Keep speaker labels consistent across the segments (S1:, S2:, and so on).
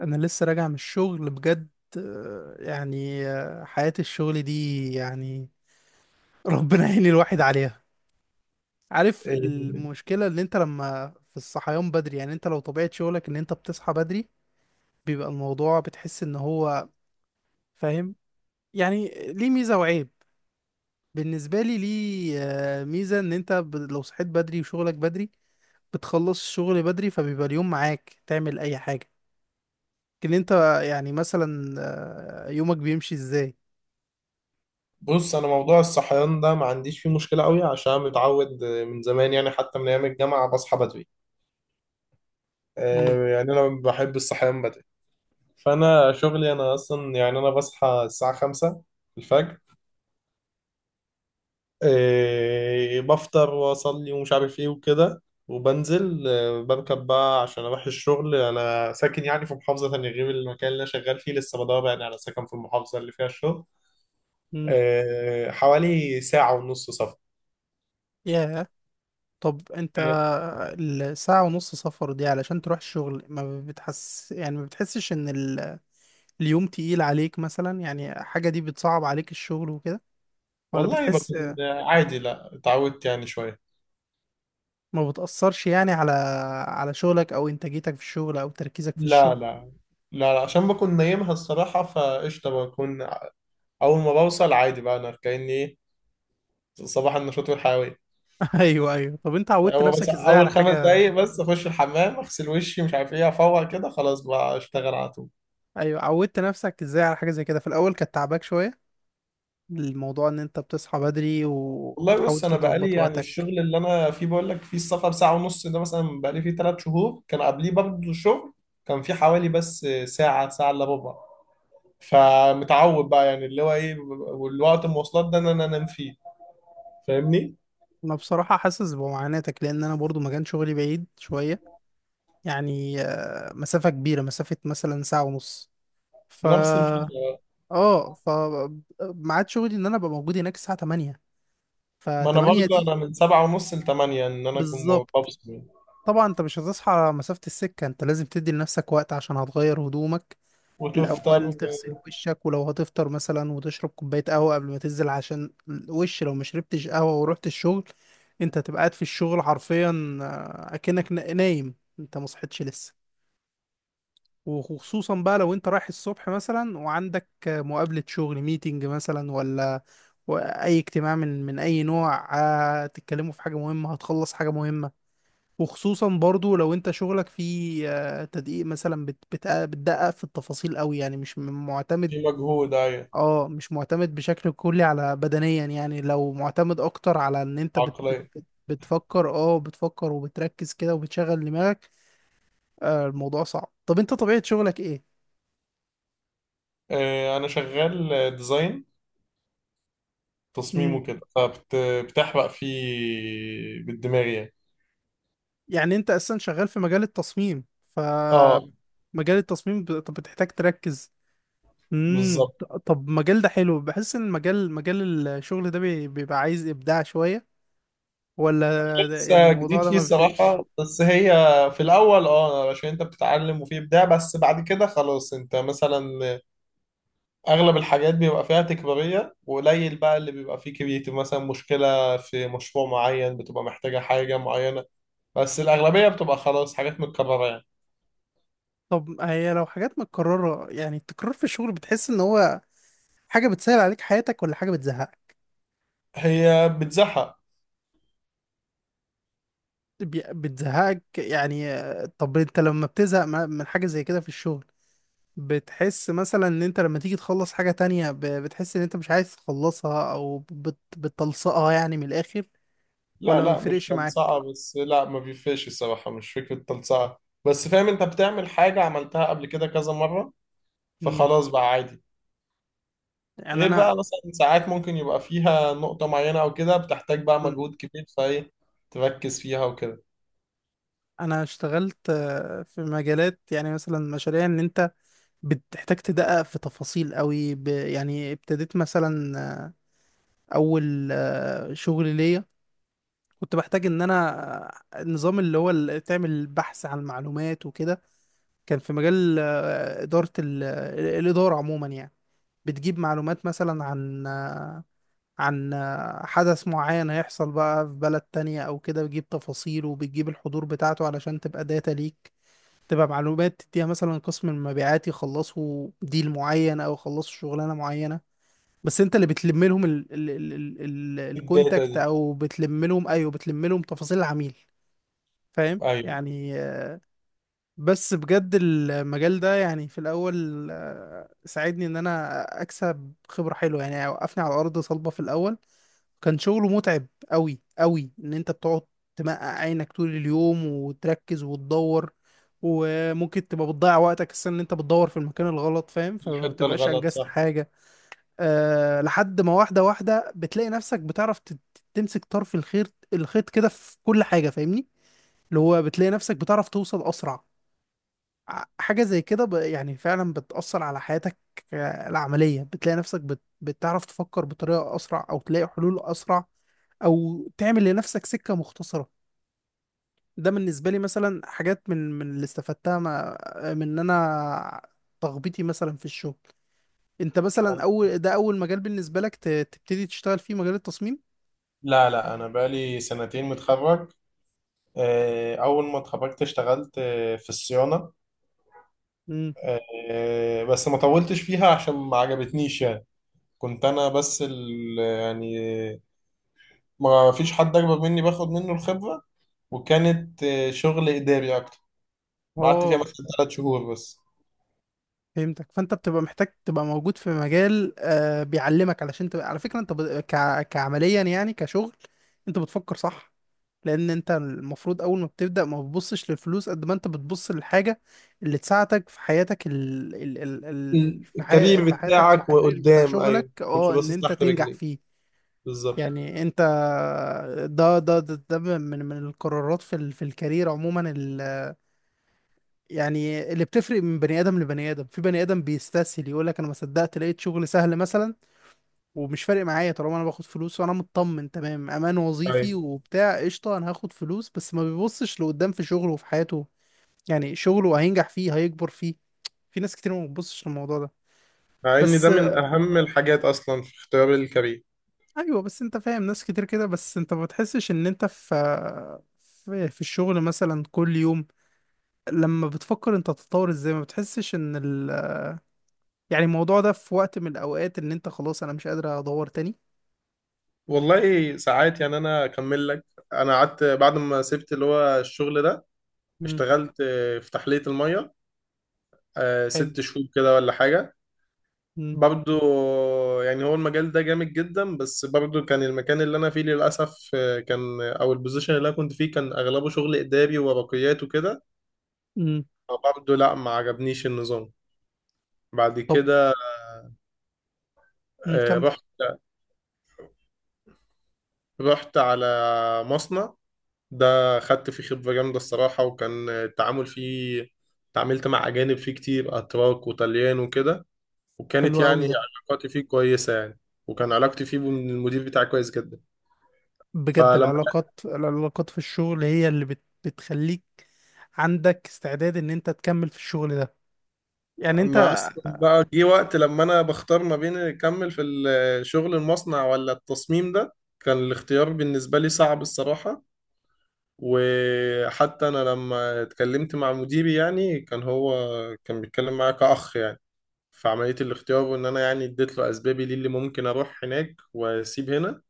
S1: انا لسه راجع من الشغل بجد. حياة الشغل دي يعني ربنا يعين الواحد عليها. عارف
S2: إيه،
S1: المشكلة ان انت لما في الصحيان بدري، يعني انت لو طبيعة شغلك ان انت بتصحى بدري بيبقى الموضوع بتحس ان هو فاهم، يعني ليه ميزة وعيب. بالنسبة لي ليه ميزة ان انت لو صحيت بدري وشغلك بدري بتخلص الشغل بدري، فبيبقى اليوم معاك تعمل اي حاجة. لكن انت يعني مثلا، يومك بيمشي ازاي؟
S2: بص انا موضوع الصحيان ده ما عنديش فيه مشكله قوي عشان متعود من زمان يعني حتى من ايام الجامعه بصحى بدري.
S1: مم.
S2: يعني انا بحب الصحيان بدري. فانا شغلي انا اصلا يعني انا بصحى الساعه 5 الفجر، بفطر واصلي ومش عارف ايه وكده، وبنزل بركب بقى عشان اروح الشغل. انا ساكن يعني في محافظه تانية غير المكان اللي انا شغال فيه، لسه بدور يعني على سكن في المحافظه اللي فيها الشغل.
S1: مم.
S2: حوالي ساعه ونص سفر.
S1: ياه. طب انت
S2: آه،
S1: الساعة ونص سفر دي علشان تروح الشغل، ما بتحس يعني ما بتحسش ان اليوم تقيل عليك مثلا، يعني حاجة دي بتصعب عليك الشغل وكده؟ ولا
S2: والله
S1: بتحس،
S2: بكون عادي، لا اتعودت يعني شوية.
S1: ما بتأثرش يعني على على شغلك او انتاجيتك في الشغل او تركيزك في
S2: لا
S1: الشغل؟
S2: لا. لا لا، عشان بكون نايمها الصراحة، فقشطة. بكون أول ما بوصل عادي بقى، أنا كأني إيه، صباح النشاط والحيوية.
S1: ايوه ايوه، طب انت عودت
S2: هو بس
S1: نفسك ازاي على
S2: أول خمس
S1: حاجة،
S2: دقايق، بس أخش الحمام أغسل وشي مش عارف إيه، أفوق كده خلاص بقى أشتغل على طول.
S1: ايوه عودت نفسك ازاي على حاجة زي كده في الاول كانت تعباك شوية؟ الموضوع ان انت بتصحى بدري
S2: والله
S1: وبتحاول
S2: بص، أنا بقالي
S1: تظبط
S2: يعني
S1: وقتك.
S2: الشغل اللي أنا فيه بقول لك فيه السفر ساعة ونص ده، مثلا بقالي فيه ثلاث شهور، كان قبليه برضه شغل كان فيه حوالي بس ساعة، ساعة إلا ربع. فمتعود بقى يعني اللي هو ايه، والوقت المواصلات ده ان انا انام فيه. فاهمني؟
S1: انا بصراحة حاسس بمعاناتك، لان انا برضو مكان شغلي بعيد شوية. يعني مسافة كبيرة، مسافة مثلا ساعة ونص. ف
S2: نفس الفكرة.
S1: اه ف ميعاد شغلي ان انا ابقى موجود هناك الساعة 8. ف
S2: ما انا
S1: 8
S2: برضه
S1: دي
S2: انا من سبعة ونص لتمانية ان انا اكون
S1: بالظبط.
S2: بفصل يعني.
S1: طبعا انت مش هتصحى على مسافة السكة، انت لازم تدي لنفسك وقت عشان هتغير هدومك الأول،
S2: وتفطر.
S1: تغسل وشك ولو هتفطر مثلا وتشرب كوباية قهوة قبل ما تنزل، عشان الوش لو ما شربتش قهوة ورحت الشغل انت هتبقى قاعد في الشغل حرفيا أكنك نايم انت مصحتش لسه. وخصوصا بقى لو انت رايح الصبح مثلا وعندك مقابلة شغل، ميتنج مثلا ولا أي اجتماع من أي نوع، تتكلموا في حاجة مهمة، هتخلص حاجة مهمة. وخصوصا برضو لو انت شغلك فيه تدقيق مثلا، بتدقق في التفاصيل قوي، يعني مش معتمد،
S2: في مجهود ايوه.
S1: اه مش معتمد بشكل كلي على بدنيا. يعني لو معتمد اكتر على ان انت بت بت
S2: عقلية.
S1: بت بتفكر، اه بتفكر وبتركز كده وبتشغل دماغك، آه الموضوع صعب. طب انت طبيعة شغلك ايه؟
S2: انا شغال ديزاين، تصميم
S1: مم.
S2: وكده، فبتحرق فيه بالدماغ يعني.
S1: يعني انت اصلا شغال في مجال التصميم. ف
S2: اه
S1: مجال التصميم طب بتحتاج تركز. امم.
S2: بالظبط.
S1: طب المجال ده حلو، بحس ان المجال مجال الشغل ده بيبقى عايز ابداع شوية، ولا يعني
S2: لسه
S1: الموضوع
S2: جديد
S1: ده
S2: فيه
S1: ما بيفرقش؟
S2: الصراحة، بس هي في الأول اه عشان أنت بتتعلم وفيه إبداع، بس بعد كده خلاص أنت مثلا اغلب الحاجات بيبقى فيها تكرارية، وقليل بقى اللي بيبقى فيه كرياتيف، مثلا مشكلة في مشروع معين بتبقى محتاجة حاجة معينة، بس الاغلبية بتبقى خلاص حاجات متكررة يعني.
S1: طب هي لو حاجات متكررة، يعني التكرار في الشغل بتحس ان هو حاجة بتسهل عليك حياتك ولا حاجة بتزهقك؟
S2: هي بتزهق.
S1: بتزهقك، يعني طب انت لما بتزهق من حاجة زي كده في الشغل، بتحس مثلا ان انت لما تيجي تخلص حاجة تانية بتحس ان انت مش عايز تخلصها او بتلصقها يعني من الاخر؟
S2: لا
S1: ولا ما
S2: لا، مش
S1: بيفرقش معاك؟
S2: تلصقة، بس لا ما بيفرقش الصراحة، مش فكرة تلصقة. بس فاهم انت بتعمل حاجة عملتها قبل كده كذا مرة،
S1: مم.
S2: فخلاص بقى عادي.
S1: يعني
S2: غير بقى
S1: انا
S2: مثلا ساعات ممكن يبقى فيها نقطة معينة او كده بتحتاج بقى
S1: مم.
S2: مجهود كبير فايه، تركز فيها وكده.
S1: انا اشتغلت في مجالات يعني مثلا مشاريع ان انت بتحتاج تدقق في تفاصيل قوي، يعني ابتديت مثلا اول شغل ليا كنت بحتاج ان انا النظام اللي هو اللي تعمل بحث عن المعلومات وكده. كان في مجال آه، اداره ال- آه، الاداره عموما، يعني بتجيب معلومات مثلا عن حدث معين هيحصل بقى في بلد تانية او كده، بتجيب تفاصيله وبتجيب الحضور بتاعته علشان تبقى داتا ليك، تبقى معلومات تديها مثلا قسم المبيعات يخلصوا ديل معين او يخلصوا شغلانه معينه. بس انت اللي بتلم لهم ال ال ال ال ال
S2: الداتا
S1: الكونتاكت
S2: دي.
S1: او بتلم لهم، ايوه بتلم لهم تفاصيل العميل، فاهم؟
S2: ايوه.
S1: يعني بس بجد المجال ده يعني في الاول ساعدني ان انا اكسب خبرة حلوة، يعني وقفني على ارض صلبة في الاول. كان شغله متعب قوي ان انت بتقعد تمقع عينك طول اليوم وتركز وتدور، وممكن تبقى بتضيع وقتك السنة ان انت بتدور في المكان الغلط، فاهم؟ فما
S2: الحتة
S1: بتبقاش
S2: الغلط
S1: انجزت
S2: صح.
S1: حاجة. أه، لحد ما واحدة واحدة بتلاقي نفسك بتعرف تمسك طرف الخيط كده في كل حاجة، فاهمني؟ اللي هو بتلاقي نفسك بتعرف توصل أسرع. حاجة زي كده يعني فعلا بتأثر على حياتك العملية. بتلاقي نفسك بتعرف تفكر بطريقة أسرع أو تلاقي حلول أسرع أو تعمل لنفسك سكة مختصرة. ده بالنسبة لي مثلا حاجات من اللي استفدتها ما... من إن أنا تخبيطي مثلا في الشغل. أنت مثلا أول ده أول مجال بالنسبة لك تبتدي تشتغل فيه مجال التصميم؟
S2: لا لا، أنا بقالي سنتين متخرج. أول ما اتخرجت اشتغلت في الصيانة.
S1: امم.
S2: بس ما طولتش فيها عشان ما عجبتنيش يعني. كنت أنا بس ال يعني ما فيش حد أكبر مني باخد منه الخبرة، وكانت شغل إداري أكتر. قعدت
S1: اه
S2: فيها مثلا ثلاث شهور بس.
S1: فهمتك. فانت بتبقى محتاج تبقى موجود في مجال آه بيعلمك، علشان تبقى على فكره انت كعمليا يعني كشغل انت بتفكر صح. لان انت المفروض اول ما بتبدا ما بتبصش للفلوس قد ما انت بتبص للحاجه اللي تساعدك في حياتك
S2: ال- الكارير
S1: في حياتك في
S2: بتاعك
S1: الكارير بتاع
S2: وقدام.
S1: شغلك،
S2: أيوه كنت
S1: اه ان
S2: باصص
S1: انت
S2: تحت
S1: تنجح
S2: رجليك.
S1: فيه.
S2: بالظبط.
S1: يعني انت ده من القرارات في في الكارير عموما، يعني اللي بتفرق من بني ادم لبني ادم. في بني ادم بيستسهل يقول لك انا ما صدقت لقيت شغل سهل مثلا، ومش فارق معايا طالما انا باخد فلوس وانا مطمن تمام، امان وظيفي
S2: أيوه.
S1: وبتاع قشطه انا هاخد فلوس بس، ما بيبصش لقدام في شغله وفي حياته. يعني شغله هينجح فيه، هيكبر فيه. في ناس كتير ما بتبصش للموضوع ده.
S2: مع إن
S1: بس
S2: ده من أهم الحاجات أصلا في اختيار الكارير.
S1: ايوه، بس انت فاهم ناس كتير كده. بس انت ما بتحسش ان انت في في الشغل مثلا كل يوم لما بتفكر انت تتطور ازاي، ما بتحسش ان ال، يعني الموضوع ده في وقت من الأوقات إن أنت خلاص أنا مش قادر أدور تاني؟
S2: والله ساعات يعني، انا اكمل لك. انا قعدت بعد ما سبت اللي هو الشغل ده،
S1: مم.
S2: اشتغلت في تحلية المية،
S1: حلو.
S2: ست شهور كده ولا حاجة.
S1: مم.
S2: برضو يعني هو المجال ده جامد جدا، بس برضو كان المكان اللي انا فيه للاسف كان او البوزيشن اللي انا كنت فيه كان اغلبه شغل اداري وورقيات وكده.
S1: مم.
S2: فبرضو لا، ما عجبنيش النظام. بعد
S1: طب
S2: كده
S1: مم. كم.
S2: رحت، رحت على مصنع، ده خدت فيه خبرة جامدة الصراحة، وكان التعامل فيه، تعاملت مع أجانب فيه كتير، أتراك وطليان وكده،
S1: حلو
S2: وكانت
S1: قوي
S2: يعني
S1: ده.
S2: علاقاتي فيه كويسة يعني. وكان علاقتي فيه بالمدير بتاعي كويس جدا.
S1: بجد
S2: فلما
S1: العلاقات، العلاقات في الشغل هي اللي بتخليك عندك استعداد إن أنت تكمل في الشغل ده. يعني
S2: ما
S1: أنت،
S2: أصلا بقى جه وقت لما أنا بختار ما بين أكمل في الشغل المصنع ولا التصميم ده، كان الاختيار بالنسبة لي صعب الصراحة. وحتى أنا لما اتكلمت مع مديري يعني كان هو كان بيتكلم معايا كأخ يعني في عملية الاختيار. وإن أنا يعني اديت له أسبابي ليه اللي ممكن أروح هناك وأسيب هنا،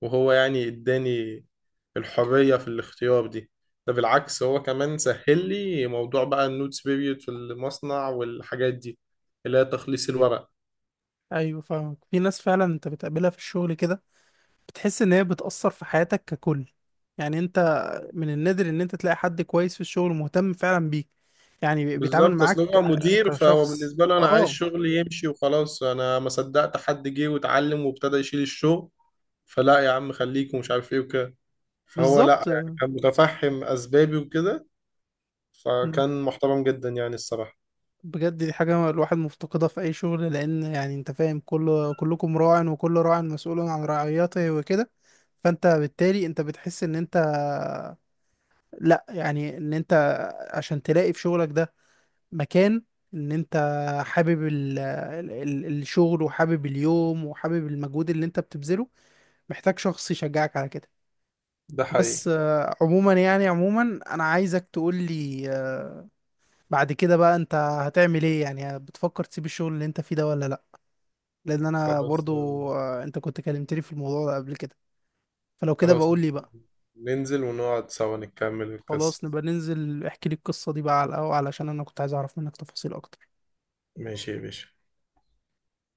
S2: وهو يعني اداني الحرية في الاختيار دي. ده بالعكس، هو كمان سهل لي موضوع بقى النوتس بيريود في المصنع والحاجات دي، اللي هي تخليص الورق.
S1: أيوه فاهمك. في ناس فعلا أنت بتقابلها في الشغل كده بتحس إن هي بتأثر في حياتك ككل. يعني أنت، من النادر إن أنت تلاقي حد كويس في الشغل مهتم فعلا بيك، يعني بيتعامل
S2: بالظبط، اصل
S1: معاك
S2: هو مدير فهو
S1: كشخص،
S2: بالنسبة له انا عايز
S1: اه
S2: شغلي يمشي وخلاص، انا ما صدقت حد جه واتعلم وابتدى يشيل الشغل، فلا يا عم خليك ومش عارف ايه وكده. فهو
S1: بالظبط.
S2: لا يعني كان متفهم اسبابي وكده، فكان محترم جدا يعني الصراحة.
S1: بجد دي حاجة الواحد مفتقدها في أي شغل، لأن يعني أنت فاهم كل كلكم راع وكل راع مسؤول عن رعيته وكده. فأنت بالتالي أنت بتحس إن أنت، لأ يعني إن أنت، عشان تلاقي في شغلك ده مكان إن أنت حابب الشغل وحابب اليوم وحابب المجهود اللي أنت بتبذله، محتاج شخص يشجعك على كده.
S2: ده حقيقي.
S1: بس عموما أنا عايزك تقولي بعد كده بقى انت هتعمل ايه، يعني بتفكر تسيب الشغل اللي انت فيه ده ولا لا؟ لان انا
S2: خلاص.
S1: برضو، انت كنت كلمتني في الموضوع ده قبل كده، فلو كده
S2: خلاص
S1: بقول لي بقى.
S2: ننزل ونقعد سوا نكمل
S1: خلاص،
S2: القصة.
S1: نبقى ننزل احكي لي القصة دي بقى على القهوة، علشان انا كنت عايز اعرف منك تفاصيل اكتر.
S2: ماشي يا باشا.